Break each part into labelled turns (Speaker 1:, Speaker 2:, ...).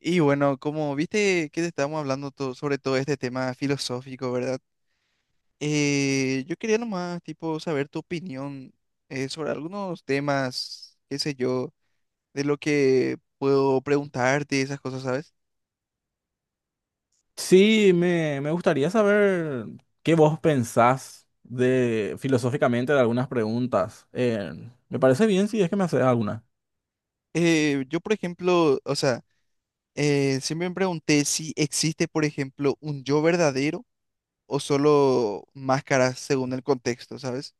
Speaker 1: Y bueno, como viste que estábamos hablando sobre todo este tema filosófico, ¿verdad? Yo quería nomás, tipo, saber tu opinión sobre algunos temas, qué sé yo, de lo que puedo preguntarte, esas cosas, ¿sabes?
Speaker 2: Sí, me gustaría saber qué vos pensás de filosóficamente de algunas preguntas. Me parece bien si es que me haces alguna.
Speaker 1: Yo, por ejemplo, o sea, siempre me pregunté si existe, por ejemplo, un yo verdadero o solo máscaras según el contexto, ¿sabes?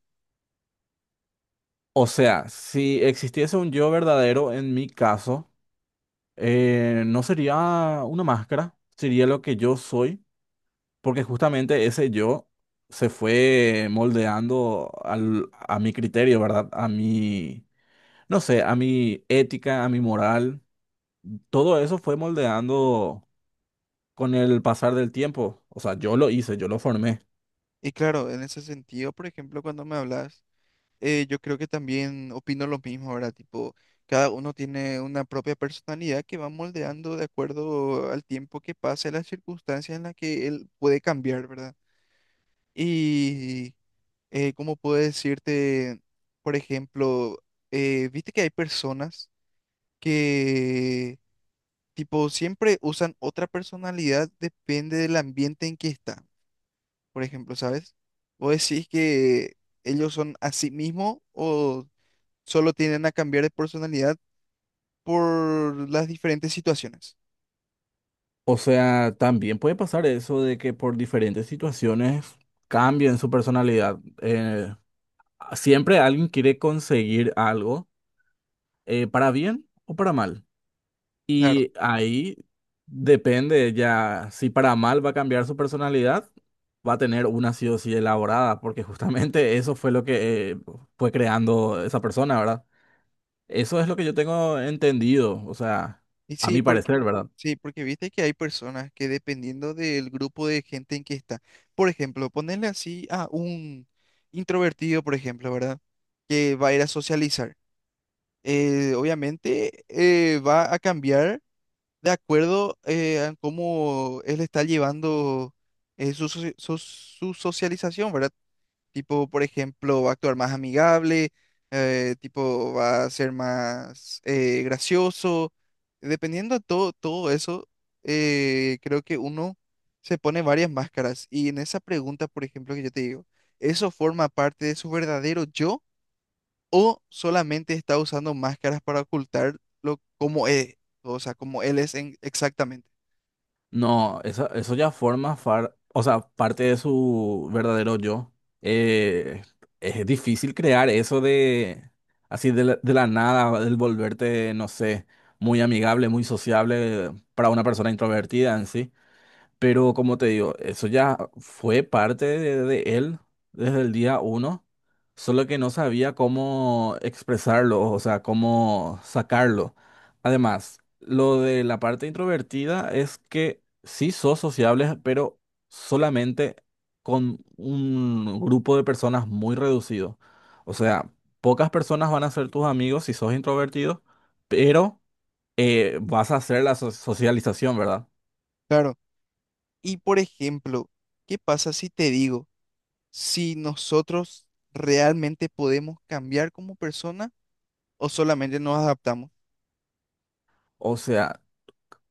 Speaker 2: O sea, si existiese un yo verdadero en mi caso, no sería una máscara, sería lo que yo soy, porque justamente ese yo se fue moldeando a mi criterio, ¿verdad? A mi, no sé, a mi ética, a mi moral. Todo eso fue moldeando con el pasar del tiempo. O sea, yo lo hice, yo lo formé.
Speaker 1: Y claro, en ese sentido, por ejemplo, cuando me hablas, yo creo que también opino lo mismo, ¿verdad? Tipo, cada uno tiene una propia personalidad que va moldeando de acuerdo al tiempo que pasa, y las circunstancias en las que él puede cambiar, ¿verdad? Y cómo puedo decirte, por ejemplo, viste que hay personas que, tipo, siempre usan otra personalidad, depende del ambiente en que está, por ejemplo, ¿sabes? ¿Vos decís que ellos son a sí mismos o solo tienden a cambiar de personalidad por las diferentes situaciones?
Speaker 2: O sea, también puede pasar eso de que por diferentes situaciones cambien su personalidad. Siempre alguien quiere conseguir algo, para bien o para mal.
Speaker 1: Claro.
Speaker 2: Y ahí depende ya si para mal va a cambiar su personalidad, va a tener una sí o sí elaborada, porque justamente eso fue lo que fue creando esa persona, ¿verdad? Eso es lo que yo tengo entendido, o sea,
Speaker 1: Y
Speaker 2: a mi parecer, ¿verdad?
Speaker 1: sí, porque viste que hay personas que, dependiendo del grupo de gente en que está, por ejemplo, ponerle así a un introvertido, por ejemplo, ¿verdad? Que va a ir a socializar. Obviamente va a cambiar de acuerdo a cómo él está llevando su socialización, ¿verdad? Tipo, por ejemplo, va a actuar más amigable, tipo, va a ser más gracioso. Dependiendo de todo eso, creo que uno se pone varias máscaras. Y en esa pregunta, por ejemplo, que yo te digo, ¿eso forma parte de su verdadero yo o solamente está usando máscaras para ocultar lo, cómo es? O sea, como él es exactamente.
Speaker 2: No, eso ya forma o sea, parte de su verdadero yo. Eh, es difícil crear eso de así de la nada, del volverte, no sé, muy amigable, muy sociable para una persona introvertida en sí. Pero como te digo, eso ya fue parte de él desde el día uno, solo que no sabía cómo expresarlo, o sea, cómo sacarlo. Además, lo de la parte introvertida es que sí sos sociable, pero solamente con un grupo de personas muy reducido. O sea, pocas personas van a ser tus amigos si sos introvertido, pero vas a hacer la socialización, ¿verdad?
Speaker 1: Claro. Y por ejemplo, ¿qué pasa si te digo si nosotros realmente podemos cambiar como persona o solamente nos adaptamos?
Speaker 2: O sea,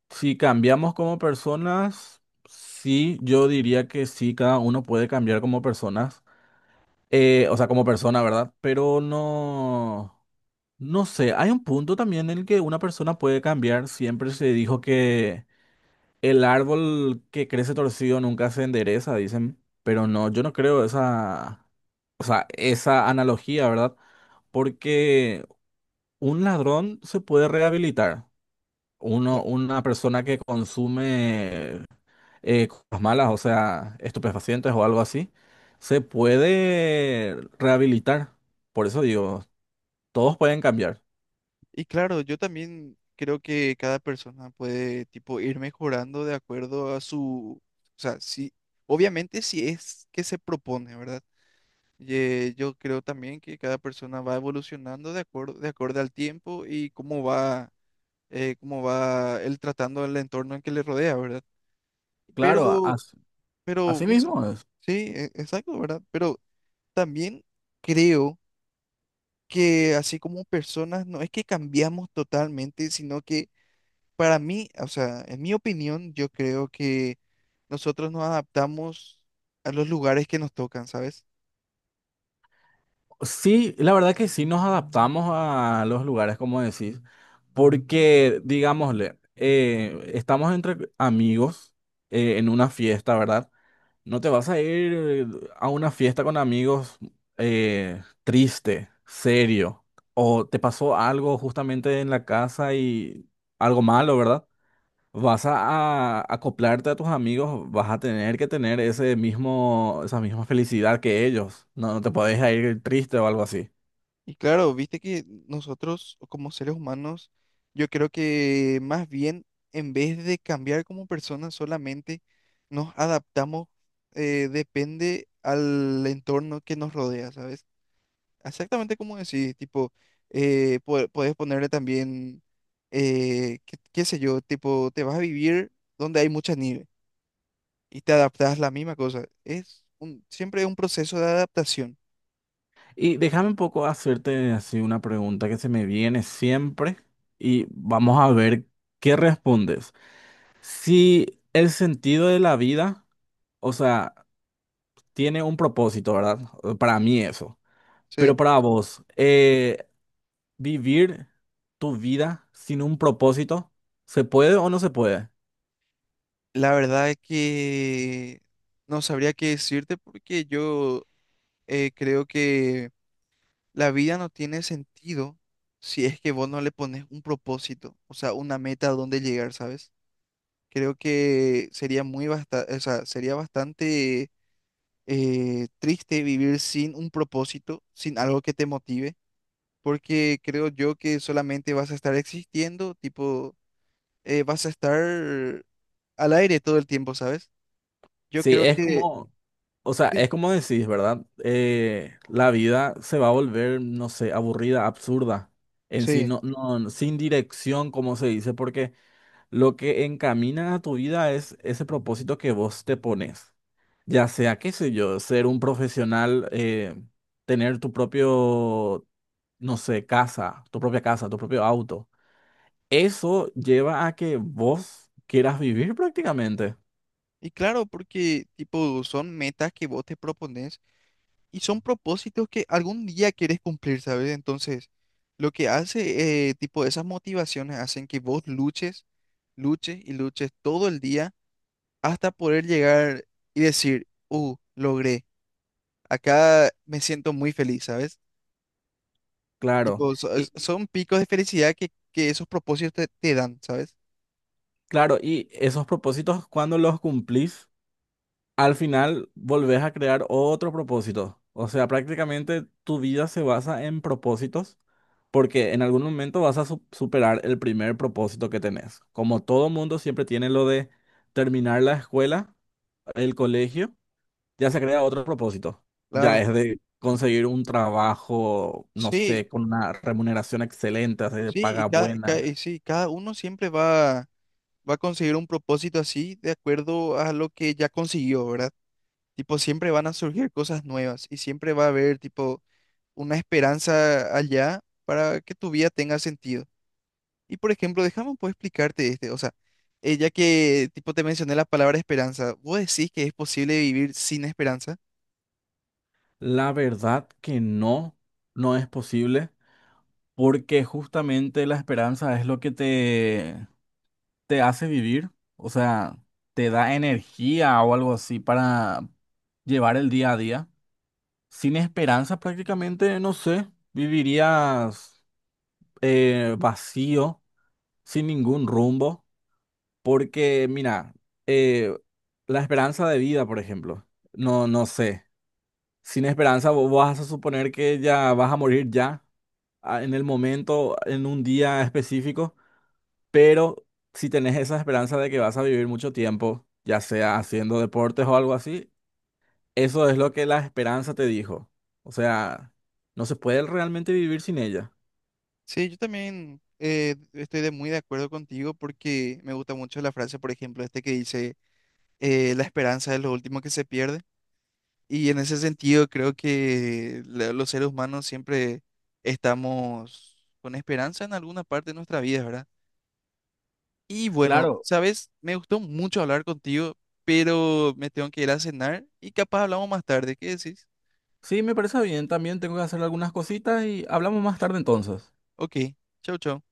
Speaker 2: si cambiamos como personas, sí, yo diría que sí, cada uno puede cambiar como personas. O sea, como persona, ¿verdad? Pero no, no sé, hay un punto también en el que una persona puede cambiar. Siempre se dijo que el árbol que crece torcido nunca se endereza, dicen. Pero no, yo no creo esa, o sea, esa analogía, ¿verdad? Porque un ladrón se puede rehabilitar. Uno,
Speaker 1: Claro.
Speaker 2: una persona que consume cosas malas, o sea, estupefacientes o algo así, se puede rehabilitar. Por eso digo, todos pueden cambiar.
Speaker 1: Y claro, yo también creo que cada persona puede, tipo, ir mejorando de acuerdo a su, o sea, si, obviamente, si es que se propone, ¿verdad? Yo creo también que cada persona va evolucionando de de acuerdo al tiempo y cómo va él tratando el entorno en que le rodea, ¿verdad?
Speaker 2: Claro,
Speaker 1: Pero, pero,
Speaker 2: así mismo es.
Speaker 1: sí, exacto, ¿verdad? Pero también creo que así como personas, no es que cambiamos totalmente, sino que para mí, o sea, en mi opinión, yo creo que nosotros nos adaptamos a los lugares que nos tocan, ¿sabes?
Speaker 2: Sí, la verdad que sí nos adaptamos a los lugares, como decís, porque, digámosle, estamos entre amigos en una fiesta, ¿verdad? No te vas a ir a una fiesta con amigos, triste, serio, o te pasó algo justamente en la casa y algo malo, ¿verdad? Vas a acoplarte a tus amigos, vas a tener que tener ese mismo, esa misma felicidad que ellos. No, no te podés ir triste o algo así.
Speaker 1: Y claro, viste que nosotros, como seres humanos, yo creo que más bien, en vez de cambiar como personas solamente, nos adaptamos, depende al entorno que nos rodea, ¿sabes? Exactamente como decís, tipo, podés ponerle también, qué, qué sé yo, tipo, te vas a vivir donde hay mucha nieve y te adaptás la misma cosa. Siempre es un proceso de adaptación.
Speaker 2: Y déjame un poco hacerte así una pregunta que se me viene siempre, y vamos a ver qué respondes. Si el sentido de la vida, o sea, tiene un propósito, ¿verdad? Para mí eso.
Speaker 1: Sí,
Speaker 2: Pero para vos, ¿vivir tu vida sin un propósito? ¿Se puede o no se puede?
Speaker 1: la verdad es que no sabría qué decirte porque yo creo que la vida no tiene sentido si es que vos no le pones un propósito, o sea, una meta a dónde llegar, ¿sabes? Creo que sería o sea, sería bastante triste vivir sin un propósito, sin algo que te motive, porque creo yo que solamente vas a estar existiendo, tipo, vas a estar al aire todo el tiempo, ¿sabes? Yo
Speaker 2: Sí,
Speaker 1: creo. Sí.
Speaker 2: es
Speaker 1: Que
Speaker 2: como, o sea,
Speaker 1: sí,
Speaker 2: es como decís, ¿verdad? La vida se va a volver, no sé, aburrida, absurda. En sí,
Speaker 1: sí.
Speaker 2: no, no, no, sin dirección, como se dice, porque lo que encamina a tu vida es ese propósito que vos te pones. Ya sea, qué sé yo, ser un profesional, tener tu propio, no sé, casa, tu propia casa, tu propio auto. Eso lleva a que vos quieras vivir prácticamente.
Speaker 1: Y claro, porque tipo son metas que vos te propones y son propósitos que algún día quieres cumplir, ¿sabes? Entonces, lo que hace, tipo, esas motivaciones hacen que vos luches, luches y luches todo el día hasta poder llegar y decir, logré, acá me siento muy feliz, ¿sabes?
Speaker 2: Claro.
Speaker 1: Tipo,
Speaker 2: Y
Speaker 1: son picos de felicidad que esos propósitos te, te dan, ¿sabes?
Speaker 2: claro, ¿y esos propósitos, cuando los cumplís? Al final volvés a crear otro propósito. O sea, prácticamente tu vida se basa en propósitos porque en algún momento vas a superar el primer propósito que tenés. Como todo mundo siempre tiene lo de terminar la escuela, el colegio, ya se crea otro propósito.
Speaker 1: Claro.
Speaker 2: Ya es de conseguir un trabajo, no
Speaker 1: Sí,
Speaker 2: sé, con una remuneración excelente, hacer
Speaker 1: sí, y
Speaker 2: paga buena.
Speaker 1: y sí, cada uno siempre va, va a conseguir un propósito así de acuerdo a lo que ya consiguió, ¿verdad? Tipo, siempre van a surgir cosas nuevas y siempre va a haber, tipo, una esperanza allá para que tu vida tenga sentido. Y, por ejemplo, déjame un poco explicarte este, o sea, ya que, tipo, te mencioné la palabra esperanza, ¿vos decís que es posible vivir sin esperanza?
Speaker 2: La verdad que no, no es posible, porque justamente la esperanza es lo que te hace vivir, o sea, te da energía o algo así para llevar el día a día. Sin esperanza prácticamente, no sé, vivirías vacío, sin ningún rumbo, porque mira, eh, la esperanza de vida, por ejemplo, no, no sé, sin esperanza vos vas a suponer que ya vas a morir ya, en el momento, en un día específico. Pero si tenés esa esperanza de que vas a vivir mucho tiempo, ya sea haciendo deportes o algo así, eso es lo que la esperanza te dijo. O sea, no se puede realmente vivir sin ella.
Speaker 1: Sí, yo también estoy de muy de acuerdo contigo porque me gusta mucho la frase, por ejemplo, este que dice, la esperanza es lo último que se pierde. Y en ese sentido creo que los seres humanos siempre estamos con esperanza en alguna parte de nuestra vida, ¿verdad? Y bueno,
Speaker 2: Claro,
Speaker 1: sabes, me gustó mucho hablar contigo, pero me tengo que ir a cenar y capaz hablamos más tarde. ¿Qué decís?
Speaker 2: sí, me parece bien. También tengo que hacer algunas cositas y hablamos más tarde entonces.
Speaker 1: Ok, chau, chau.